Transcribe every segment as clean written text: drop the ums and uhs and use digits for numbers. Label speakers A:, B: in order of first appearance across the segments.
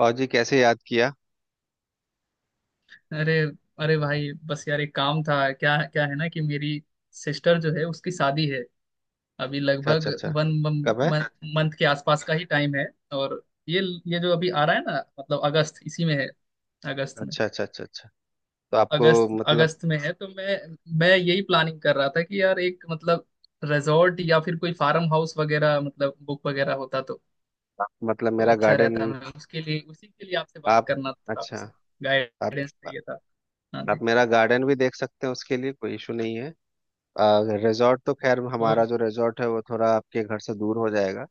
A: और जी कैसे याद किया।
B: अरे, अरे भाई बस यार एक काम था क्या क्या है ना कि मेरी सिस्टर जो है उसकी शादी है। अभी
A: अच्छा,
B: लगभग
A: अच्छा, अच्छा।
B: वन
A: कब है?
B: मंथ के आसपास का ही टाइम है। और ये ये जो अभी आ रहा है ना मतलब अगस्त, इसी में है, अगस्त में।
A: अच्छा, अच्छा, अच्छा, अच्छा। तो आपको
B: अगस्त
A: मतलब
B: अगस्त में है तो मैं यही प्लानिंग कर रहा था कि यार एक मतलब रिजॉर्ट या फिर कोई फार्म हाउस वगैरह मतलब बुक वगैरह होता
A: मतलब
B: तो
A: मेरा
B: अच्छा
A: गार्डन।
B: रहता। मैं उसके लिए, उसी के लिए आपसे बात
A: आप
B: करना था,
A: अच्छा।
B: आपसे
A: आप
B: गाइडेंस चाहिए था। हाँ
A: आप मेरा गार्डन भी देख सकते हैं, उसके लिए कोई इशू नहीं है। रिजॉर्ट तो खैर हमारा
B: जी।
A: जो रिजॉर्ट है वो थोड़ा आपके घर से दूर हो जाएगा,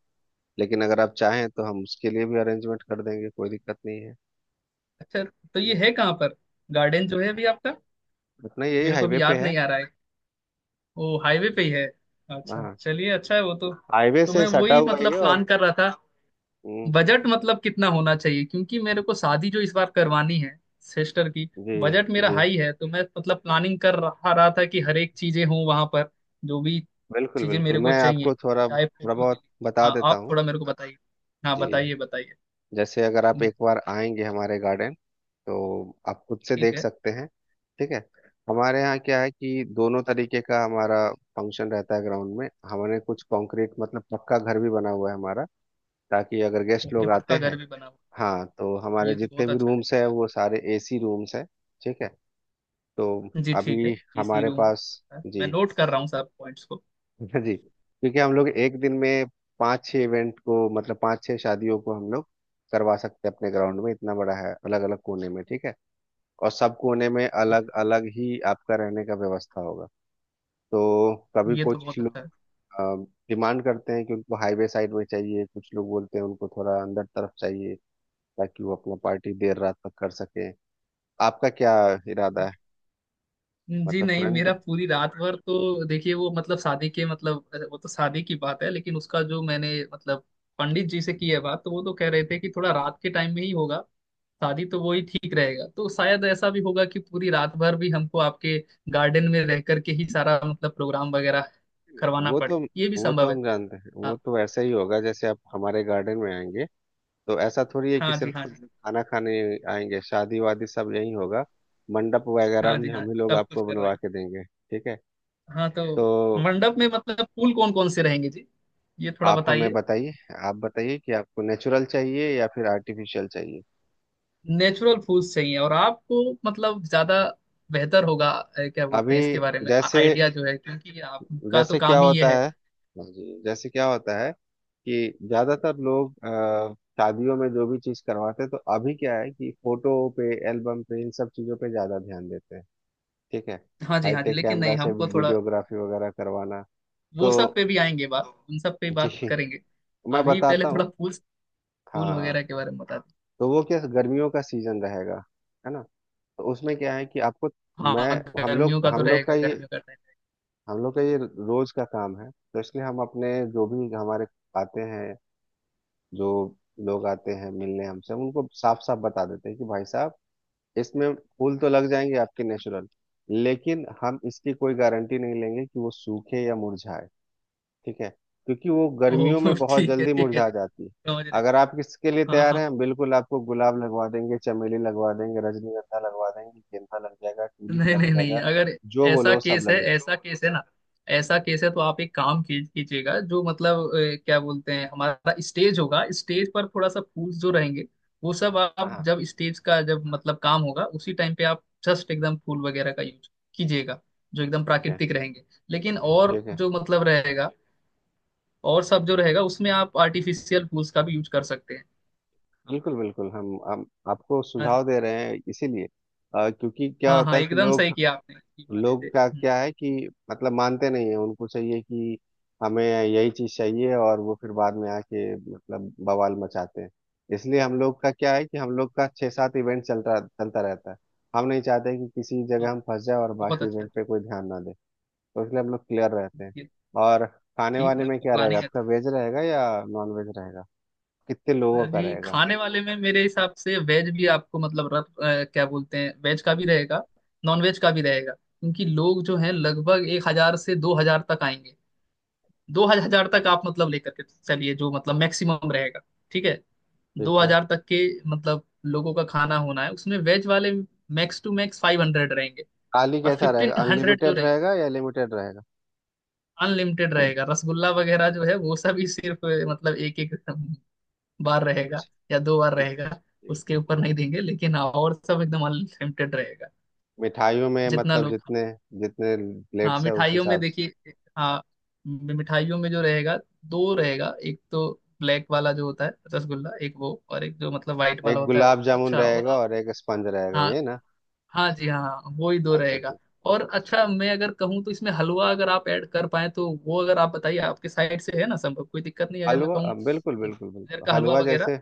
A: लेकिन अगर आप चाहें तो हम उसके लिए भी अरेंजमेंट कर देंगे, कोई दिक्कत नहीं है।
B: अच्छा, तो ये है कहाँ पर गार्डन जो है अभी आपका?
A: अपना यही
B: मेरे को
A: हाईवे
B: अभी
A: पे
B: याद
A: है।
B: नहीं आ रहा है। वो हाईवे पे ही है? अच्छा,
A: हाँ,
B: चलिए, अच्छा है वो तो।
A: हाईवे
B: तो
A: से
B: मैं
A: सटा
B: वही
A: हुआ ही है।
B: मतलब
A: और
B: प्लान कर रहा था।
A: हम्म।
B: बजट मतलब कितना होना चाहिए, क्योंकि मेरे को शादी जो इस बार करवानी है सिस्टर की,
A: जी।
B: बजट मेरा
A: जी,
B: हाई है। तो मैं मतलब प्लानिंग कर रहा रहा था कि हर एक चीजें हों वहां पर, जो भी
A: बिल्कुल,
B: चीजें
A: बिल्कुल
B: मेरे
A: मैं
B: को चाहिए,
A: आपको थोड़ा
B: चाहे
A: थोड़ा
B: फोटो के
A: बहुत
B: लिए।
A: बता
B: हाँ
A: देता
B: आप
A: हूँ।
B: थोड़ा मेरे को बताइए। हाँ
A: जी।
B: बताइए, बताइए।
A: जैसे अगर आप
B: हम्म,
A: एक बार आएंगे हमारे गार्डन तो आप खुद से
B: ठीक
A: देख
B: है।
A: सकते हैं। ठीक है। हमारे यहाँ क्या है कि दोनों तरीके का हमारा फंक्शन रहता है, ग्राउंड में हमने कुछ कंक्रीट मतलब पक्का घर भी बना हुआ है हमारा, ताकि अगर गेस्ट
B: ओके,
A: लोग आते
B: पक्का घर
A: हैं।
B: भी बना हुआ।
A: हाँ, तो हमारे
B: ये तो
A: जितने
B: बहुत
A: भी
B: अच्छा है।
A: रूम्स हैं वो सारे एसी रूम्स हैं। ठीक है। तो
B: जी ठीक है।
A: अभी
B: इसी
A: हमारे
B: रूम
A: पास।
B: में। मैं
A: जी।
B: नोट कर रहा हूँ सब पॉइंट्स को।
A: हाँ जी, क्योंकि हम लोग एक दिन में पाँच छह इवेंट को मतलब पाँच छह शादियों को हम लोग करवा सकते हैं अपने ग्राउंड में, इतना बड़ा है। अलग अलग कोने में, ठीक है, और सब कोने में अलग अलग ही आपका रहने का व्यवस्था होगा। तो कभी
B: ये तो
A: कुछ
B: बहुत अच्छा
A: लोग
B: है।
A: डिमांड करते हैं कि उनको हाईवे साइड में चाहिए, कुछ लोग बोलते हैं उनको थोड़ा अंदर तरफ चाहिए ताकि वो अपना पार्टी देर रात तक कर सके। आपका क्या इरादा है?
B: जी
A: मतलब
B: नहीं,
A: फ्रंट।
B: मेरा पूरी रात भर तो, देखिए वो मतलब शादी के मतलब, वो तो शादी की बात है, लेकिन उसका जो मैंने मतलब पंडित जी से की है बात तो वो तो कह रहे थे कि थोड़ा रात के टाइम में ही होगा शादी, तो वही ठीक रहेगा। तो शायद ऐसा भी होगा कि पूरी रात भर भी हमको आपके गार्डन में रह करके ही सारा मतलब प्रोग्राम वगैरह करवाना
A: वो
B: पड़े,
A: तो
B: ये भी
A: वो तो
B: संभव है।
A: हम जानते हैं, वो
B: हाँ।
A: तो वैसा ही होगा। जैसे आप हमारे गार्डन में आएंगे तो ऐसा थोड़ी है कि
B: हाँ जी हाँ
A: सिर्फ
B: जी,
A: खाना खाने आएंगे, शादी वादी सब यही होगा। मंडप वगैरह
B: हाँ जी।
A: भी
B: हाँ,
A: हम ही लोग
B: सब कुछ
A: आपको बनवा
B: करवाएंगे।
A: के देंगे, ठीक है।
B: हाँ तो
A: तो
B: मंडप में मतलब फूल कौन कौन से रहेंगे जी, ये थोड़ा
A: आप हमें
B: बताइए।
A: बताइए, आप बताइए कि आपको नेचुरल चाहिए या फिर आर्टिफिशियल चाहिए।
B: नेचुरल फूल्स चाहिए, और आपको मतलब ज्यादा बेहतर होगा क्या बोलते
A: अभी
B: हैं, इसके बारे में
A: जैसे
B: आइडिया जो है, क्योंकि आपका तो
A: जैसे क्या
B: काम ही ये
A: होता
B: है।
A: है? हाँ जी। जैसे क्या होता है कि ज्यादातर लोग शादियों में जो भी चीज करवाते हैं, तो अभी क्या है कि फोटो पे, एल्बम पे, इन सब चीजों पे ज्यादा ध्यान देते हैं। ठीक है।
B: हाँ जी, हाँ जी,
A: हाईटेक
B: लेकिन नहीं
A: कैमरा से
B: हमको थोड़ा,
A: वीडियोग्राफी वगैरह करवाना।
B: वो
A: तो
B: सब पे भी आएंगे, बात उन सब पे ही बात
A: जी,
B: करेंगे।
A: मैं
B: अभी पहले
A: बताता
B: थोड़ा
A: हूँ।
B: फूल फूल
A: हाँ,
B: वगैरह के बारे में बता दो।
A: तो वो क्या गर्मियों का सीजन रहेगा, है ना? तो उसमें क्या है कि आपको मैं
B: हाँ
A: हम लोग
B: गर्मियों का तो
A: हम लोग का
B: रहेगा,
A: ये
B: गर्मियों का टाइम।
A: हम लोग का ये रोज का काम है, तो इसलिए हम अपने आते हैं जो लोग आते हैं मिलने हमसे, हम उनको साफ साफ बता देते हैं कि भाई साहब, इसमें फूल तो लग जाएंगे आपके नेचुरल, लेकिन हम इसकी कोई गारंटी नहीं लेंगे कि वो सूखे या मुरझाए। ठीक है, क्योंकि वो गर्मियों
B: ओह
A: में बहुत
B: ठीक है,
A: जल्दी
B: ठीक है
A: मुरझा
B: जी,
A: जाती है।
B: समझ रहे हैं।
A: अगर आप किसके लिए
B: हाँ
A: तैयार
B: हाँ,
A: हैं, बिल्कुल आपको गुलाब लगवा देंगे, चमेली लगवा देंगे, रजनीगंधा लगवा देंगे, गेंदा लग जाएगा, ट्यूलिप
B: नहीं
A: लग
B: नहीं नहीं,
A: जाएगा,
B: अगर
A: जो
B: ऐसा
A: बोलो सब
B: केस है,
A: लग जाएगा।
B: ऐसा केस है ना, ऐसा केस है, तो आप एक कीजिएगा जो मतलब क्या बोलते हैं, हमारा स्टेज होगा, स्टेज पर थोड़ा सा फूल जो रहेंगे वो सब आप
A: हाँ,
B: जब स्टेज का जब मतलब काम होगा उसी टाइम पे आप जस्ट एकदम फूल वगैरह का यूज कीजिएगा, जो एकदम
A: ठीक है,
B: प्राकृतिक रहेंगे। लेकिन और
A: ठीक है।
B: जो मतलब रहेगा, और सब जो रहेगा उसमें आप आर्टिफिशियल फूल्स का भी यूज कर सकते हैं।
A: बिल्कुल, बिल्कुल हम आपको
B: हाँ जी,
A: सुझाव दे रहे हैं इसीलिए। क्योंकि क्या
B: हाँ
A: होता
B: हाँ,
A: है कि
B: एकदम सही
A: लोग
B: किया आपने, इसी बहाने
A: लोग
B: से।
A: का क्या है कि मतलब मानते नहीं है, उनको चाहिए कि हमें यही चीज चाहिए, और वो फिर बाद में आके मतलब बवाल मचाते हैं। इसलिए हम लोग का क्या है कि हम लोग का छः सात इवेंट चलता चलता रहता है, हम नहीं चाहते कि किसी जगह
B: हाँ,
A: हम फंस जाए और
B: बहुत
A: बाकी
B: अच्छा
A: इवेंट पे कोई ध्यान ना दे, तो इसलिए हम लोग क्लियर रहते हैं।
B: है।
A: और खाने
B: ठीक
A: वाने
B: है
A: में
B: आपका
A: क्या रहेगा?
B: प्लानिंग।
A: आपका वेज रहेगा या नॉन वेज रहेगा? कितने लोगों का
B: जी
A: रहेगा?
B: खाने वाले में मेरे हिसाब से वेज भी आपको मतलब रख, क्या बोलते हैं, वेज का भी रहेगा, नॉन वेज का भी रहेगा, क्योंकि लोग जो हैं लगभग 1,000 से 2,000 तक आएंगे। दो हजार तक आप मतलब लेकर के चलिए, जो मतलब मैक्सिमम रहेगा। ठीक है। दो
A: ठीक है।
B: हजार तक के मतलब लोगों का खाना होना है, उसमें वेज वाले मैक्स टू मैक्स 500 रहेंगे,
A: थाली
B: और
A: कैसा
B: फिफ्टीन
A: रहेगा,
B: हंड्रेड जो
A: अनलिमिटेड
B: रहेंगे।
A: रहेगा या लिमिटेड रहेगा?
B: अनलिमिटेड रहेगा। रसगुल्ला वगैरह जो है वो सब ही सिर्फ मतलब एक एक बार रहेगा या दो बार रहेगा,
A: ठीक,
B: उसके
A: ठीक,
B: ऊपर
A: ठीक।
B: नहीं देंगे, लेकिन हाँ और सब एकदम अनलिमिटेड रहेगा,
A: मिठाइयों में
B: जितना
A: मतलब
B: लोग।
A: जितने जितने
B: हाँ
A: प्लेट्स है उस
B: मिठाइयों में
A: हिसाब से।
B: देखिए। हाँ मिठाइयों में जो रहेगा, दो रहेगा। एक तो ब्लैक वाला जो होता है रसगुल्ला, एक वो, और एक जो मतलब व्हाइट वाला
A: एक
B: होता है
A: गुलाब
B: वो।
A: जामुन
B: अच्छा, और
A: रहेगा
B: आप,
A: और एक स्पंज रहेगा,
B: हाँ
A: ये ना?
B: हाँ जी, हाँ हाँ, वो ही दो
A: अच्छा,
B: रहेगा।
A: ठीक।
B: और अच्छा
A: ठीक,
B: मैं अगर कहूँ तो इसमें हलवा अगर आप ऐड कर पाए तो, वो अगर आप बताइए, आपके साइड से है ना संभव, कोई दिक्कत नहीं अगर मैं
A: हलवा
B: कहूँ।
A: बिल्कुल, बिल्कुल,
B: गाजर
A: बिल्कुल
B: का हलवा
A: हलवा।
B: वगैरह,
A: जैसे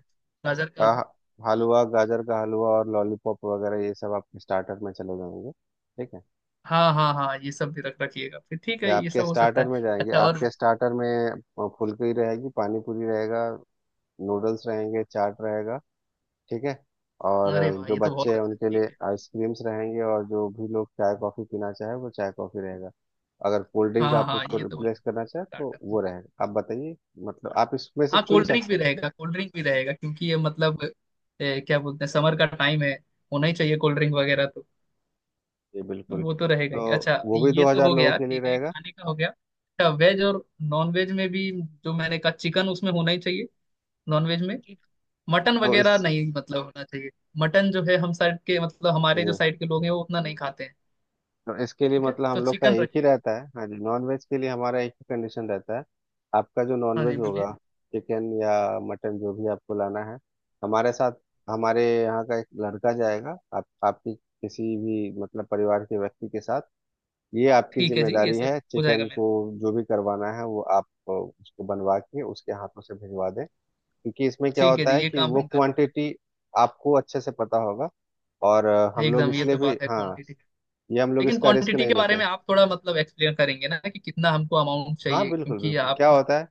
B: गाजर का हलवा।
A: अ, हलवा, गाजर का हलवा, और लॉलीपॉप वगैरह ये सब आपके स्टार्टर में चले जाएंगे, ठीक है।
B: हाँ हाँ हाँ, ये सब भी रख रखिएगा फिर। ठीक
A: ये
B: है, ये
A: आपके
B: सब हो सकता
A: स्टार्टर
B: है।
A: में जाएंगे।
B: अच्छा और,
A: आपके स्टार्टर में फुलकी रहेगी, पानी पूरी रहेगा, नूडल्स रहेंगे, चाट रहेगा। ठीक है। और
B: अरे वाह,
A: जो
B: ये तो
A: बच्चे
B: बहुत
A: हैं
B: अच्छा है।
A: उनके लिए
B: ठीक है।
A: आइसक्रीम्स रहेंगे, और जो भी लोग चाय कॉफ़ी पीना चाहे, वो चाय कॉफ़ी रहेगा। अगर कोल्ड ड्रिंक
B: हाँ
A: आप
B: हाँ,
A: उसको
B: ये तो
A: रिप्लेस करना चाहें तो
B: स्टार्टर।
A: वो रहेगा, आप बताइए। मतलब आप इसमें से
B: हाँ
A: चुन
B: कोल्ड ड्रिंक
A: सकते
B: भी
A: हैं।
B: रहेगा, कोल्ड ड्रिंक भी रहेगा, क्योंकि ये मतलब क्या बोलते हैं, समर का टाइम है, होना ही चाहिए कोल्ड ड्रिंक वगैरह तो।
A: जी बिल्कुल।
B: वो तो रहेगा
A: तो
B: ही। अच्छा,
A: वो भी
B: ये
A: दो
B: तो
A: हजार
B: हो
A: लोगों
B: गया,
A: के लिए
B: ठीक है,
A: रहेगा।
B: खाने का हो गया। अच्छा, वेज और नॉन वेज में भी, जो मैंने कहा चिकन उसमें होना ही चाहिए, नॉन वेज में। मटन
A: तो
B: वगैरह
A: इस
B: नहीं मतलब होना चाहिए। मटन जो है हम साइड के, मतलब
A: जी,
B: हमारे जो साइड के लोग हैं, वो उतना नहीं खाते हैं।
A: तो इसके लिए
B: ठीक है,
A: मतलब हम
B: तो
A: लोग का
B: चिकन
A: एक ही
B: रखिए।
A: रहता है, हाँ जी, नॉन वेज के लिए हमारा एक ही कंडीशन रहता है। आपका जो नॉन
B: हाँ
A: वेज
B: जी बोलिए।
A: होगा, चिकन या मटन, जो भी आपको लाना है, हमारे साथ हमारे यहाँ का एक लड़का जाएगा आप आपकी किसी भी मतलब परिवार के व्यक्ति के साथ। ये आपकी
B: ठीक है जी, ये
A: जिम्मेदारी
B: सब
A: है,
B: हो जाएगा
A: चिकन
B: मैंने।
A: को जो भी करवाना है, वो आप उसको बनवा के उसके हाथों से भिजवा दें, क्योंकि इसमें क्या
B: ठीक है
A: होता
B: जी,
A: है
B: ये
A: कि
B: काम
A: वो
B: हम कर पाए।
A: क्वांटिटी आपको अच्छे से पता होगा। और हम लोग
B: एकदम, ये
A: इसलिए
B: तो
A: भी,
B: बात है
A: हाँ,
B: क्वांटिटी,
A: ये हम लोग
B: लेकिन
A: इसका रिस्क
B: क्वांटिटी
A: नहीं
B: के
A: लेते
B: बारे में
A: हैं।
B: आप थोड़ा मतलब एक्सप्लेन करेंगे ना, कि कितना हमको अमाउंट
A: हाँ
B: चाहिए,
A: बिल्कुल,
B: क्योंकि
A: बिल्कुल,
B: आप,
A: क्या होता है,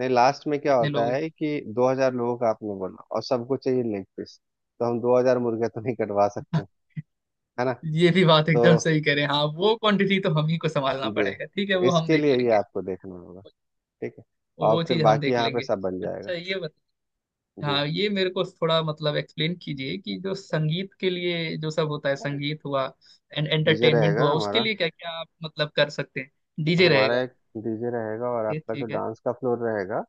A: नहीं, लास्ट में क्या
B: कितने
A: होता
B: लोग हैं।
A: है कि 2,000 लोगों का आपने बोला और सबको चाहिए लेग पीस, तो हम 2,000 मुर्गे तो नहीं कटवा सकते, है ना?
B: ये भी बात
A: तो
B: एकदम सही करें, हाँ वो क्वांटिटी तो हम ही को संभालना
A: जी,
B: पड़ेगा, ठीक है
A: तो
B: वो हम
A: इसके
B: देख
A: लिए ये
B: लेंगे।
A: आपको देखना होगा, ठीक है, और
B: वो
A: फिर
B: चीज हम
A: बाकी
B: देख
A: यहाँ पे
B: लेंगे।
A: सब बन जाएगा।
B: अच्छा ये,
A: जी,
B: हाँ, ये मेरे को थोड़ा मतलब एक्सप्लेन कीजिए, कि जो संगीत के लिए जो सब होता है, संगीत हुआ, एंड
A: डीजे
B: एंटरटेनमेंट
A: रहेगा
B: हुआ, उसके
A: हमारा।
B: लिए क्या क्या आप मतलब कर सकते हैं, डीजे
A: हमारा
B: रहेगा?
A: एक डीजे रहेगा, और
B: ओके
A: आपका जो
B: ठीक है।
A: डांस का फ्लोर रहेगा,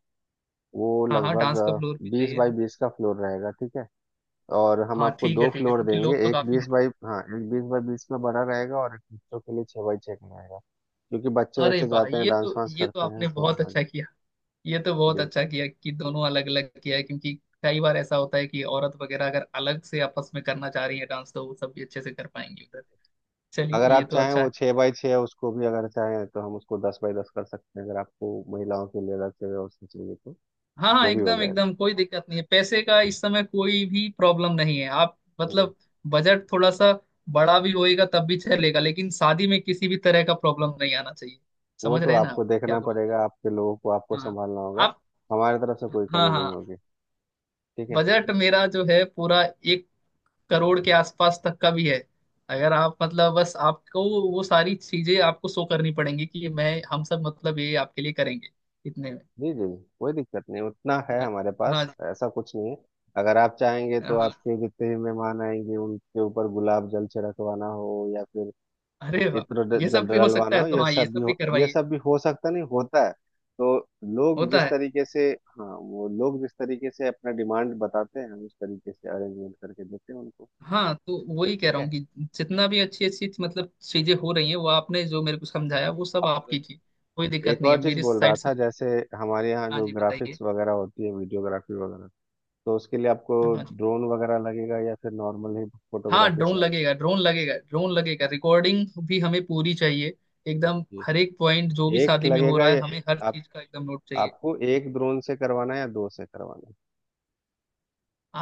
A: वो
B: हाँ हाँ,
A: लगभग
B: डांस का फ्लोर भी
A: बीस
B: चाहिए
A: बाई
B: हमें।
A: बीस का फ्लोर रहेगा, ठीक है। और हम
B: हाँ
A: आपको
B: ठीक है
A: दो
B: ठीक है,
A: फ्लोर
B: क्योंकि
A: देंगे,
B: लोग तो
A: एक
B: काफी
A: बीस
B: हैं।
A: बाई, हाँ, एक 20 बाई 20 में बड़ा रहेगा और एक बच्चों के लिए 6 बाई 6 का रहेगा, क्योंकि बच्चे
B: अरे
A: बच्चे
B: वाह,
A: जाते हैं,
B: ये
A: डांस
B: तो,
A: वांस
B: ये तो
A: करते हैं,
B: आपने
A: तो
B: बहुत
A: हाँ।
B: अच्छा किया। ये तो बहुत
A: जी।
B: अच्छा किया कि दोनों अलग अलग किया है, क्योंकि कई बार ऐसा होता है कि औरत वगैरह अगर अलग से आपस में करना चाह रही है डांस, तो वो सब भी अच्छे से कर पाएंगी उधर। चलिए,
A: अगर
B: ये
A: आप
B: तो
A: चाहें
B: अच्छा
A: वो
B: है।
A: 6 बाई 6 उसको भी, अगर चाहें तो हम उसको 10 बाई 10 कर सकते हैं, अगर आपको महिलाओं के लिए अलग से व्यवस्था चाहिए तो
B: हाँ हाँ,
A: वो भी हो
B: एकदम
A: जाएगा।
B: एकदम, कोई दिक्कत नहीं है पैसे का, इस समय कोई भी प्रॉब्लम नहीं है। आप मतलब बजट थोड़ा सा बड़ा भी होएगा तब भी चलेगा, लेकिन शादी में किसी भी तरह का प्रॉब्लम नहीं आना चाहिए।
A: वो
B: समझ
A: तो
B: रहे हैं ना
A: आपको
B: आप क्या
A: देखना
B: बोल
A: पड़ेगा, आपके लोगों को आपको
B: रहे हैं। हाँ,
A: संभालना होगा,
B: आप।
A: हमारे तरफ से कोई
B: हाँ
A: कमी नहीं
B: हाँ।
A: होगी, ठीक है।
B: बजट मेरा जो है पूरा 1 करोड़ के आसपास तक का भी है, अगर आप मतलब, बस आपको वो सारी चीजें आपको शो करनी पड़ेंगी कि मैं, हम सब मतलब ये आपके लिए करेंगे इतने में।
A: जी, जी, जी, कोई दिक्कत नहीं, उतना है
B: हाँ,
A: हमारे पास,
B: हाँ।
A: ऐसा कुछ नहीं है। अगर आप चाहेंगे तो
B: हाँ,
A: आपके जितने भी मेहमान आएंगे उनके ऊपर गुलाब जल छिड़कवाना हो, या फिर
B: अरे
A: वो
B: वाह,
A: इत्र
B: ये
A: जल
B: सब भी हो सकता
A: डलवाना
B: है
A: हो,
B: तो, हाँ, ये सब भी
A: ये
B: करवाइए।
A: सब भी हो सकता, नहीं होता है तो। लोग
B: होता
A: जिस
B: है।
A: तरीके से, हाँ, वो लोग जिस तरीके से अपना डिमांड बताते हैं, हम उस तरीके से अरेंजमेंट करके देते हैं उनको,
B: हाँ तो वही कह
A: ठीक
B: रहा हूँ
A: है।
B: कि जितना भी अच्छी अच्छी मतलब चीजें हो रही हैं, वो आपने जो मेरे को समझाया, वो सब आप
A: और
B: कीजिए। कोई दिक्कत
A: एक
B: नहीं है
A: और चीज
B: मेरी
A: बोल रहा
B: साइड से।
A: था, जैसे हमारे यहाँ
B: हाँ
A: जो
B: जी बताइए।
A: ग्राफिक्स वगैरह होती है, वीडियोग्राफी वगैरह, तो उसके लिए आपको
B: हाँ जी।
A: ड्रोन वगैरह लगेगा या फिर नॉर्मल ही
B: हाँ
A: फोटोग्राफी से
B: ड्रोन
A: आप
B: लगेगा, ड्रोन लगेगा, ड्रोन लगेगा, रिकॉर्डिंग भी हमें पूरी चाहिए। एकदम हर
A: कीजिए?
B: एक पॉइंट जो भी
A: एक
B: शादी में हो
A: लगेगा
B: रहा है,
A: या
B: हमें हर
A: आप
B: चीज का एकदम नोट चाहिए।
A: आपको एक ड्रोन से करवाना है या दो से करवाना है?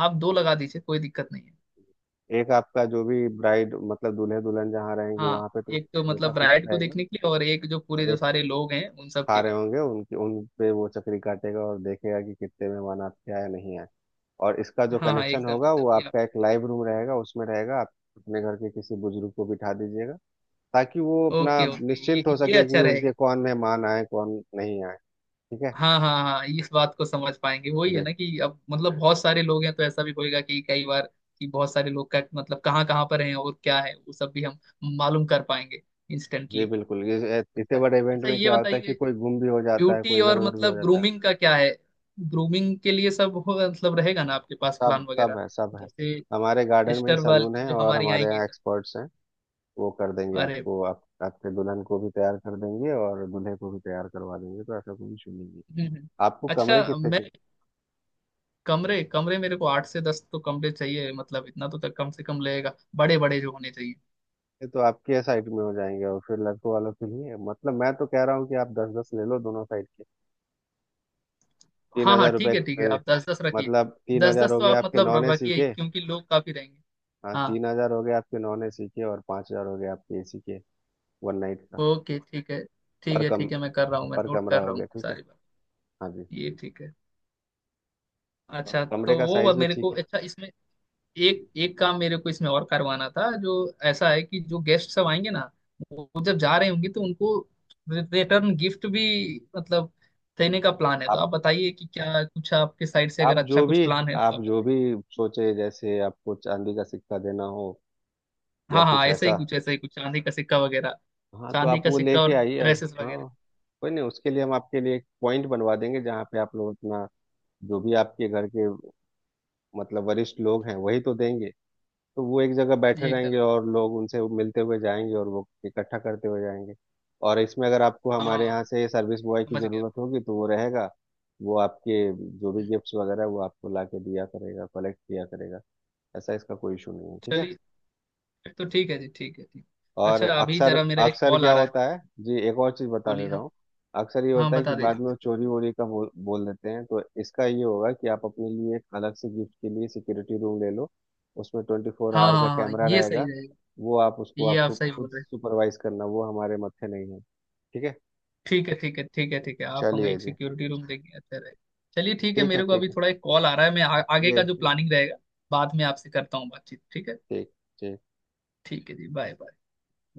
B: आप दो लगा दीजिए, कोई दिक्कत नहीं है।
A: एक आपका जो भी ब्राइड मतलब दूल्हे दुल्हन जहाँ रहेंगे
B: हाँ,
A: वहां पे तो
B: एक तो
A: हमेशा
B: मतलब
A: फिक्स
B: ब्राइड को
A: रहेगा,
B: देखने के लिए, और एक जो पूरे
A: और
B: जो
A: एक
B: सारे लोग हैं उन सब
A: खा
B: के
A: रहे
B: लिए।
A: होंगे उनके, उन पे वो चक्री काटेगा और देखेगा कि कितने मेहमान आपके आए नहीं आए, और इसका जो
B: हाँ हाँ,
A: कनेक्शन
B: एकदम
A: होगा
B: एकदम
A: वो
B: ये,
A: आपका एक लाइव रूम रहेगा, उसमें रहेगा, आप अपने घर के किसी बुजुर्ग को बिठा दीजिएगा, ताकि वो अपना
B: ओके ओके,
A: निश्चिंत हो
B: ये
A: सके कि
B: अच्छा रहेगा।
A: उनके कौन मेहमान आए कौन नहीं आए, ठीक है।
B: हाँ हाँ हाँ, इस बात को समझ पाएंगे, वही है
A: जी,
B: ना कि अब मतलब बहुत सारे लोग हैं, तो ऐसा भी होएगा कि कई बार कि बहुत सारे लोग का मतलब कहाँ कहाँ पर हैं और क्या है, वो सब भी हम मालूम कर पाएंगे,
A: जी
B: इंस्टेंटली।
A: बिल्कुल, ये
B: अच्छा,
A: इतने बड़े इवेंट
B: अच्छा
A: में
B: ये
A: क्या होता है कि
B: बताइए,
A: कोई गुम भी हो जाता है,
B: ब्यूटी
A: कोई इधर
B: और
A: उधर भी हो
B: मतलब
A: जाता है।
B: ग्रूमिंग का क्या है, ग्रूमिंग के लिए सब हो मतलब रहेगा ना आपके पास
A: सब
B: प्लान
A: सब
B: वगैरह।
A: है सब है।
B: जैसे
A: हमारे गार्डन में ही
B: सिस्टर वाल
A: सलून है
B: जो
A: और
B: हमारी
A: हमारे
B: आएंगी
A: यहाँ
B: सब।
A: एक्सपर्ट्स हैं, वो कर देंगे
B: अरे,
A: आपको, आपके दुल्हन को भी तैयार कर देंगे और दूल्हे को भी तैयार करवा देंगे, तो ऐसा कोई इशू नहीं है।
B: हम्म।
A: आपको
B: अच्छा
A: कमरे कितने
B: मैं
A: चाहिए?
B: कमरे, कमरे मेरे को 8 से 10 तो कमरे चाहिए, मतलब इतना तो तक कम से कम लगेगा, बड़े बड़े जो होने चाहिए।
A: ये तो आपके साइड में हो जाएंगे, और फिर लड़कों वालों के लिए, मतलब मैं तो कह रहा हूँ कि आप दस दस ले लो दोनों साइड के। तीन
B: हाँ हाँ
A: हजार रुपये
B: ठीक है ठीक है,
A: अ,
B: आप दस दस रखिए।
A: मतलब तीन
B: दस
A: हजार
B: दस
A: हो
B: तो
A: गए
B: आप
A: आपके
B: मतलब
A: नॉन एसी
B: रखिए,
A: के।
B: क्योंकि लोग काफी रहेंगे।
A: हाँ,
B: हाँ।
A: 3,000 हो गए आपके नॉन एसी के और 5,000 हो गए आपके एसी के, वन नाइट का।
B: ओके ठीक है।
A: पर
B: ठीक है
A: कम
B: ठीक है, मैं कर रहा हूँ, मैं
A: पर
B: नोट
A: कमरा
B: कर
A: हो
B: रहा हूँ
A: गया, ठीक है।
B: सारी बात।
A: हाँ जी।
B: ये ठीक है।
A: और
B: अच्छा
A: कमरे
B: तो
A: का
B: वो
A: साइज भी
B: मेरे
A: ठीक
B: को,
A: है।
B: अच्छा इसमें एक एक काम मेरे को इसमें और करवाना था, जो ऐसा है कि जो गेस्ट सब आएंगे ना, वो जब जा रहे होंगे तो उनको रिटर्न गिफ्ट भी मतलब देने का प्लान है। तो
A: आप
B: आप बताइए कि क्या कुछ आपके साइड से अगर
A: आप
B: अच्छा
A: जो
B: कुछ
A: भी
B: प्लान है तो
A: आप
B: आप
A: जो
B: बताइए।
A: भी सोचे, जैसे आपको चांदी का सिक्का देना हो या
B: हाँ हाँ,
A: कुछ
B: ऐसा
A: ऐसा।
B: ही कुछ, ऐसा ही कुछ चांदी का सिक्का वगैरह।
A: हाँ, तो
B: चांदी
A: आप
B: का
A: वो
B: सिक्का
A: लेके
B: और
A: आइए।
B: ड्रेसेस वगैरह।
A: हाँ, कोई नहीं, उसके लिए हम आपके लिए एक पॉइंट बनवा देंगे जहाँ पे आप लोग अपना जो भी आपके घर के मतलब वरिष्ठ लोग हैं वही तो देंगे, तो वो एक जगह बैठे
B: ये एकदम,
A: रहेंगे और लोग उनसे मिलते हुए जाएंगे और वो इकट्ठा करते हुए जाएंगे। और इसमें अगर आपको हमारे
B: हाँ,
A: यहाँ से सर्विस बॉय की
B: समझ गया।
A: ज़रूरत होगी तो वो रहेगा, वो आपके जो भी
B: हम्म,
A: गिफ्ट्स वगैरह वो आपको ला के दिया करेगा, कलेक्ट किया करेगा, ऐसा इसका कोई इशू नहीं है, ठीक है।
B: चलिए, फिर तो ठीक है जी, ठीक है, ठीक।
A: और
B: अच्छा अभी
A: अक्सर
B: जरा मेरा एक
A: अक्सर
B: कॉल
A: क्या
B: आ रहा है।
A: होता है, जी, एक और चीज बता दे
B: बोलिए
A: रहा
B: हाँ।
A: हूँ, अक्सर ये
B: हाँ
A: होता है कि
B: बता
A: बाद में
B: दीजिए।
A: वो चोरी वोरी का बोल बोल देते हैं, तो इसका ये होगा कि आप अपने लिए एक अलग से गिफ्ट के लिए सिक्योरिटी रूम ले लो, उसमें ट्वेंटी फोर
B: हाँ
A: आवर का
B: हाँ हाँ,
A: कैमरा
B: ये सही
A: रहेगा।
B: रहेगा।
A: वो आप उसको
B: ये आप सही
A: खुद
B: बोल रहे हैं।
A: सुपरवाइज करना, वो हमारे मत्थे नहीं है, ठीक है।
B: ठीक है ठीक है ठीक है ठीक है, आप हमें
A: चलिए
B: एक
A: जी,
B: सिक्योरिटी रूम देंगे, अच्छा रहेगा। चलिए ठीक है,
A: ठीक है,
B: मेरे को
A: ठीक
B: अभी
A: है
B: थोड़ा एक कॉल आ रहा है, मैं आगे
A: जी,
B: का जो प्लानिंग रहेगा बाद में आपसे करता हूँ बातचीत, ठीक है?
A: ठीक, ठीक।
B: ठीक है जी, बाय बाय।